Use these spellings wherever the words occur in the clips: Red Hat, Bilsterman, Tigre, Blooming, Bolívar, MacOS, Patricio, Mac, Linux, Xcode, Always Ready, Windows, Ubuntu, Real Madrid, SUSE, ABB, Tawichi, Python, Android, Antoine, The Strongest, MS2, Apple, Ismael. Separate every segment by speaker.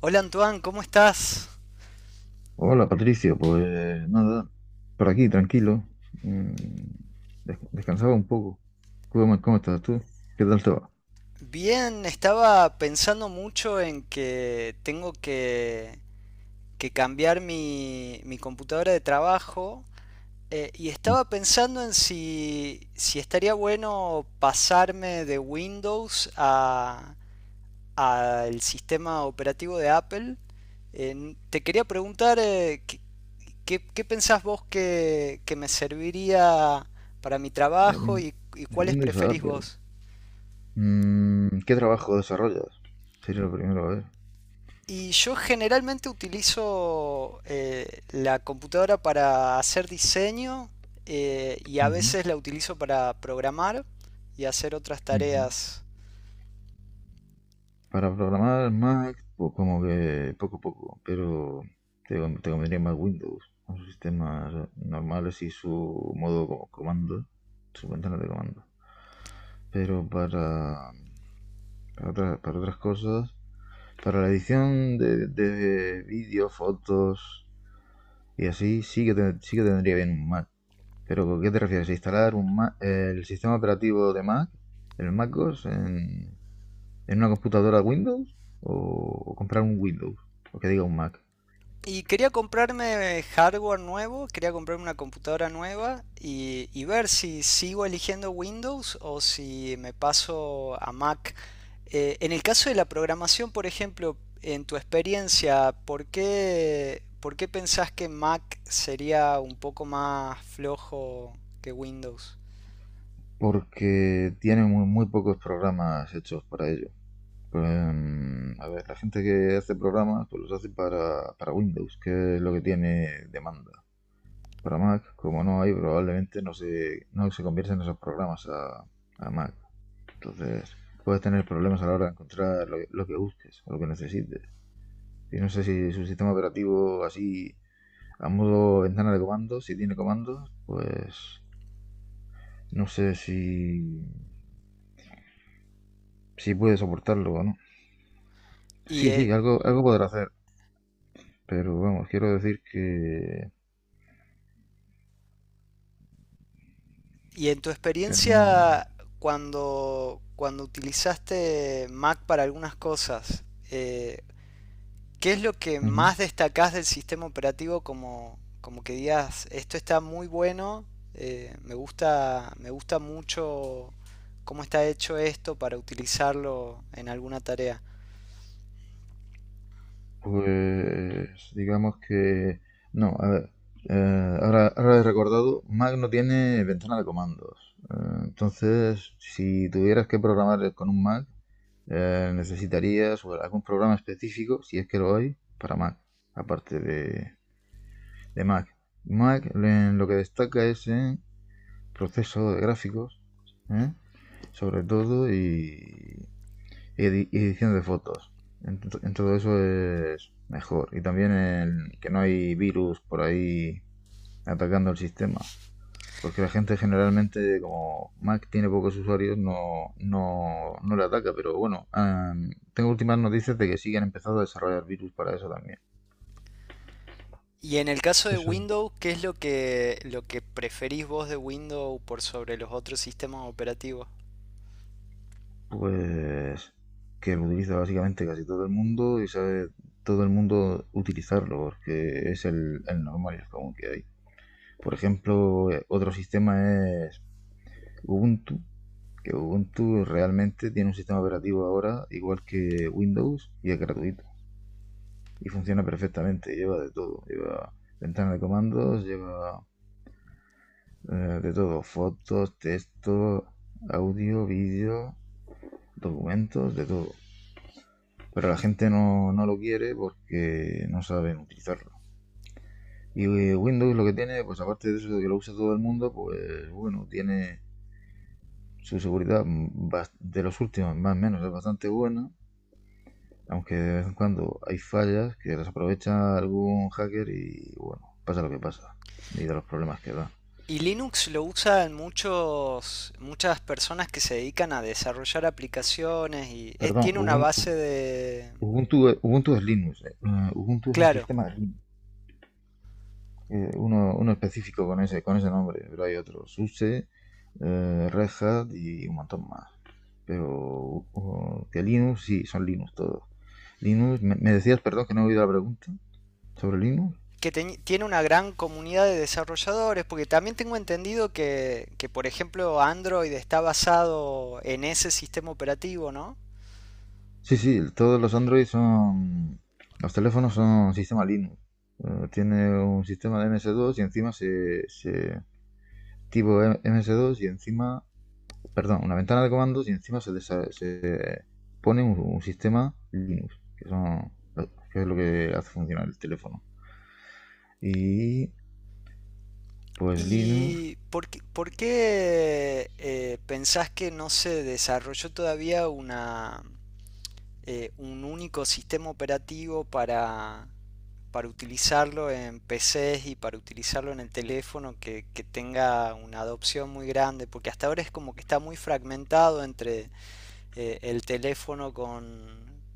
Speaker 1: Hola, Antoine, ¿cómo estás?
Speaker 2: Hola Patricio, pues nada, por aquí tranquilo, mm, descansaba un poco. ¿Cómo estás tú? ¿Qué tal te va?
Speaker 1: Bien, estaba pensando mucho en que tengo que cambiar mi computadora de trabajo y estaba pensando en si estaría bueno pasarme de Windows a, al sistema operativo de Apple. Te quería preguntar ¿qué pensás vos que me serviría para mi
Speaker 2: De
Speaker 1: trabajo y
Speaker 2: De
Speaker 1: cuáles
Speaker 2: Windows a
Speaker 1: preferís
Speaker 2: Apple.
Speaker 1: vos?
Speaker 2: ¿Qué trabajo desarrollas? Sería lo primero, a ver.
Speaker 1: Y yo generalmente utilizo la computadora para hacer diseño, y a
Speaker 2: Ujú,
Speaker 1: veces la utilizo para programar y hacer otras
Speaker 2: ujú.
Speaker 1: tareas.
Speaker 2: Para programar Mac, pues como que poco a poco, pero te convendría más Windows, con sus sistemas normales y su modo como comando, su ventana de comando. Pero para otras cosas. Para la edición de vídeos, fotos y así, sí que tendría bien un Mac. Pero ¿con ¿qué te refieres? ¿Instalar un Mac? ¿El sistema operativo de Mac, el MacOS, en una computadora Windows? ¿O, o comprar un Windows? O que diga un Mac.
Speaker 1: Y quería comprarme hardware nuevo, quería comprarme una computadora nueva y ver si sigo eligiendo Windows o si me paso a Mac. En el caso de la programación, por ejemplo, en tu experiencia, ¿por qué pensás que Mac sería un poco más flojo que Windows?
Speaker 2: Porque tiene muy, muy pocos programas hechos para ello. Pues, a ver, la gente que hace programas, pues los hace para Windows, que es lo que tiene demanda. Para Mac, como no hay, probablemente no se convierten esos programas a Mac. Entonces, puedes tener problemas a la hora de encontrar lo que busques o lo que necesites. Y no sé si su sistema operativo así, a modo ventana de comandos, si tiene comandos, pues no sé si puede soportarlo o no.
Speaker 1: Y,
Speaker 2: Sí,
Speaker 1: eh,
Speaker 2: sí, algo podrá hacer, pero vamos, quiero decir que,
Speaker 1: y en tu
Speaker 2: que no.
Speaker 1: experiencia, cuando utilizaste Mac para algunas cosas, eh, ¿qué es lo que
Speaker 2: Ujú.
Speaker 1: más destacás del sistema operativo? Como como que digas, esto está muy bueno, me gusta mucho cómo está hecho esto para utilizarlo en alguna tarea.
Speaker 2: Pues digamos que. No, a ver. Ahora he recordado, Mac no tiene ventana de comandos. Entonces, si tuvieras que programar con un Mac, necesitarías o algún programa específico, si es que lo hay, para Mac, aparte de Mac. Mac en lo que destaca es en proceso de gráficos, ¿eh? Sobre todo, y edición de fotos. En todo eso es mejor. Y también el que no hay virus por ahí atacando el sistema. Porque la gente generalmente, como Mac tiene pocos usuarios, no le ataca. Pero bueno, ah, tengo últimas noticias de que sí que han empezado a desarrollar virus para eso también.
Speaker 1: Y en el caso de
Speaker 2: Eso es.
Speaker 1: Windows, ¿qué es lo lo que preferís vos de Windows por sobre los otros sistemas operativos?
Speaker 2: Pues que lo utiliza básicamente casi todo el mundo y sabe todo el mundo utilizarlo porque es el normal y el común que hay. Por ejemplo, otro sistema es Ubuntu, que Ubuntu realmente tiene un sistema operativo ahora igual que Windows y es gratuito. Y funciona perfectamente, lleva de todo. Lleva ventana de comandos, lleva de todo. Fotos, texto, audio, vídeo, documentos, de todo. Pero la
Speaker 1: Y,
Speaker 2: gente no lo quiere porque no saben utilizarlo. Y Windows lo que tiene, pues aparte de eso de que lo usa todo el mundo, pues bueno, tiene su seguridad de los últimos, más o menos, es bastante buena. Aunque de vez en cuando hay fallas que las aprovecha algún hacker y bueno, pasa lo que pasa. Y de los problemas que da.
Speaker 1: y Linux lo usan muchos, muchas personas que se dedican a desarrollar aplicaciones y,
Speaker 2: Perdón,
Speaker 1: tiene una
Speaker 2: Ubuntu,
Speaker 1: base de...
Speaker 2: Ubuntu, Ubuntu es Linux. Ubuntu es un
Speaker 1: Claro,
Speaker 2: sistema de Linux. Uno específico con ese nombre, pero hay otros. SUSE, Red Hat y un montón más. Pero que Linux, sí, son Linux todos. Linux, me decías, perdón, que no he oído la pregunta sobre Linux.
Speaker 1: que tiene una gran comunidad de desarrolladores, porque también tengo entendido por ejemplo, Android está basado en ese sistema operativo, ¿no?
Speaker 2: Sí, sí, todos los Android son. Los teléfonos son sistema Linux. Tiene un sistema de MS2 y encima se tipo MS2 y encima. Perdón, una ventana de comandos y encima se pone un sistema Linux, que es lo que hace funcionar el teléfono. Y pues Linux,
Speaker 1: ¿Y por qué pensás que no se desarrolló todavía una, un único sistema operativo para utilizarlo en PCs y para utilizarlo en el teléfono, que tenga una adopción muy grande? Porque hasta ahora es como que está muy fragmentado entre el teléfono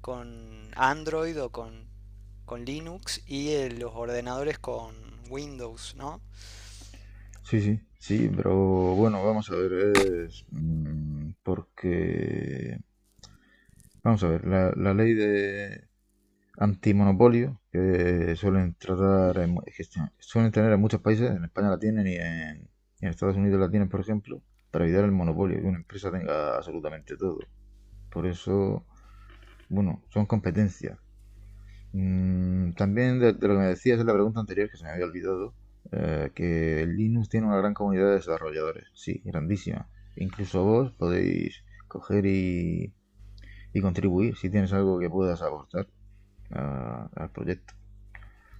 Speaker 1: con Android con Linux y los ordenadores con Windows, ¿no?
Speaker 2: sí, sí, sí, pero bueno, vamos a ver, es porque, vamos a ver, la ley de antimonopolio que suelen tener en muchos países, en España la tienen y en Estados Unidos la tienen, por ejemplo, para evitar el monopolio, que una empresa tenga absolutamente todo. Por eso, bueno, son competencias. También de lo que me decías en la pregunta anterior, que se me había olvidado, que Linux tiene una gran comunidad de desarrolladores, sí, grandísima. Incluso vos podéis coger y contribuir si tienes algo que puedas aportar al proyecto.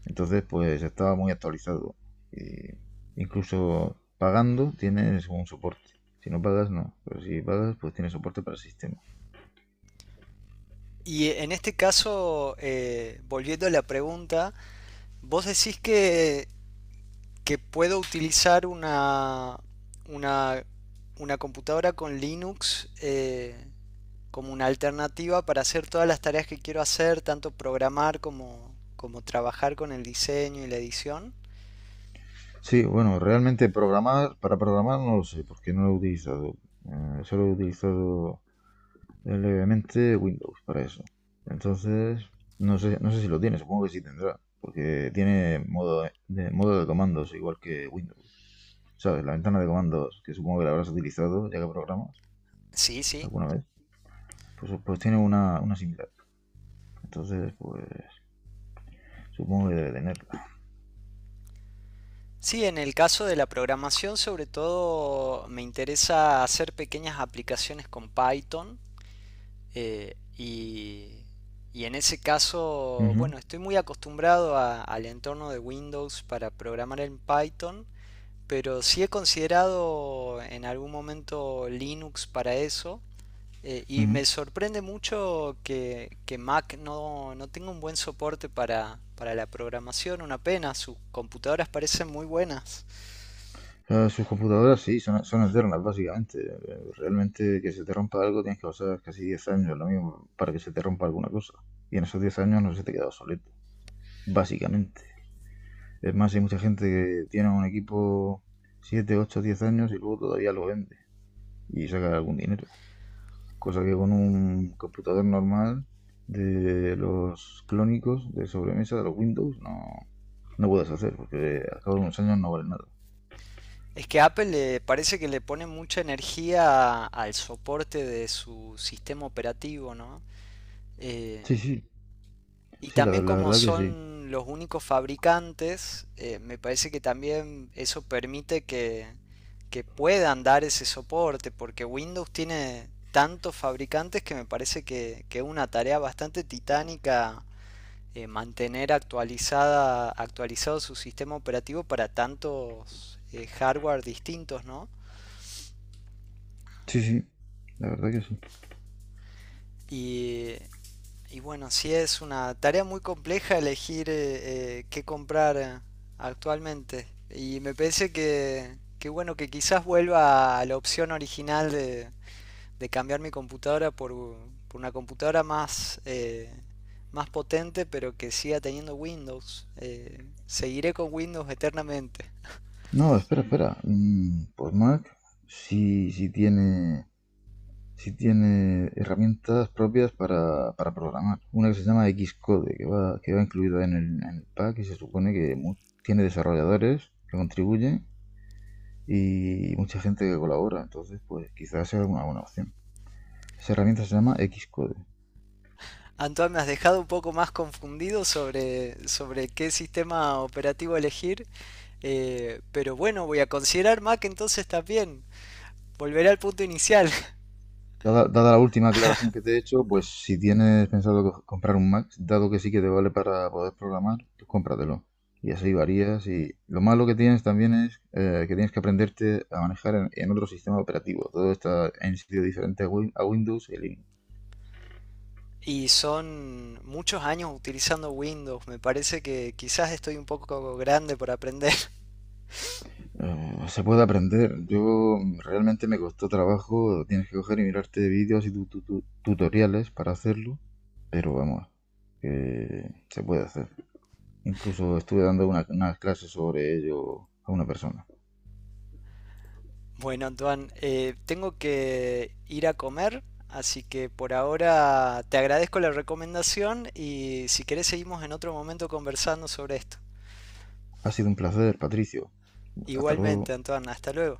Speaker 2: Entonces, pues estaba muy actualizado. Eh, incluso pagando tienes un soporte. Si no pagas, no. Pero si pagas, pues tiene soporte para el sistema.
Speaker 1: En este caso, volviendo a la pregunta, vos decís que puedo utilizar una, una computadora con Linux, como una alternativa para hacer todas las tareas que quiero hacer, tanto programar como, como trabajar con el diseño y la edición.
Speaker 2: Sí, bueno, realmente para programar no lo sé, porque no lo he utilizado. Solo he utilizado levemente Windows para eso. Entonces, no sé si lo tiene, supongo que sí tendrá. Porque tiene modo de comandos, igual que Windows. ¿Sabes? La ventana de comandos, que supongo que la habrás utilizado ya que programas
Speaker 1: Sí, sí.
Speaker 2: alguna vez. Pues tiene una similar. Entonces, pues supongo que debe tenerla.
Speaker 1: Sí, en el caso de la programación, sobre todo me interesa hacer pequeñas aplicaciones con Python, eh, y, y en ese caso,
Speaker 2: Ujú,
Speaker 1: bueno, estoy muy acostumbrado a- al entorno de Windows para programar en Python, pero sí he considerado en algún momento Linux para eso. Y
Speaker 2: ujú.
Speaker 1: me sorprende mucho que Mac no tenga un buen soporte para la programación, una pena, sus computadoras parecen muy buenas.
Speaker 2: Sus computadoras sí, son eternas básicamente. Realmente que se te rompa algo tienes que pasar casi 10 años, lo mismo, para que se te rompa alguna cosa. Y en esos 10 años no se te queda obsoleto, básicamente. Es más, hay mucha gente que tiene un equipo 7, 8, 10 años y luego todavía lo vende y saca algún dinero. Cosa que con un computador normal de los clónicos de sobremesa, de los Windows, no, no puedes hacer, porque al cabo de unos años no vale nada.
Speaker 1: Es que Apple le parece que le pone mucha energía al soporte de su sistema operativo, ¿no? Eh,
Speaker 2: Sí, sí,
Speaker 1: y
Speaker 2: sí, la,
Speaker 1: también
Speaker 2: la
Speaker 1: como
Speaker 2: verdad que sí.
Speaker 1: son los únicos fabricantes, me parece que también eso permite que puedan dar ese soporte, porque Windows tiene tantos fabricantes que me parece que es una tarea bastante titánica, mantener actualizado su sistema operativo para tantos hardware distintos, ¿no?
Speaker 2: Sí, sí, la verdad que sí.
Speaker 1: Y, y bueno, sí es una tarea muy compleja elegir qué comprar, actualmente. Y me parece que bueno, que quizás vuelva a la opción original de cambiar mi computadora por una computadora más, más potente, pero que siga teniendo Windows. Seguiré con Windows eternamente.
Speaker 2: No, espera, espera. Pues Mac sí, sí tiene, sí tiene herramientas propias para programar. Una que se llama Xcode, que va incluida en el pack y se supone que tiene desarrolladores que contribuyen y mucha gente que colabora. Entonces, pues quizás sea una buena opción. Esa herramienta se llama Xcode.
Speaker 1: Antoine, me has dejado un poco más confundido sobre qué sistema operativo elegir. Pero bueno, voy a considerar Mac entonces también. Volveré al punto inicial.
Speaker 2: Dada la última aclaración que te he hecho, pues si tienes pensado comprar un Mac, dado que sí que te vale para poder programar, pues cómpratelo. Y así varías. Y lo malo que tienes también es que tienes que aprenderte a manejar en otro sistema operativo. Todo está en sitio diferente a Windows y Linux.
Speaker 1: Y son muchos años utilizando Windows. Me parece que quizás estoy un poco grande por aprender.
Speaker 2: Se puede aprender. Yo realmente me costó trabajo. Tienes que coger y mirarte vídeos y tutoriales para hacerlo. Pero vamos, que se puede hacer. Incluso estuve dando unas clases sobre ello a una persona.
Speaker 1: Bueno, Antoine, tengo que ir a comer. Así que por ahora te agradezco la recomendación y si querés seguimos en otro momento conversando sobre esto.
Speaker 2: Ha sido un placer, Patricio. Hasta luego.
Speaker 1: Igualmente, Antoine, hasta luego.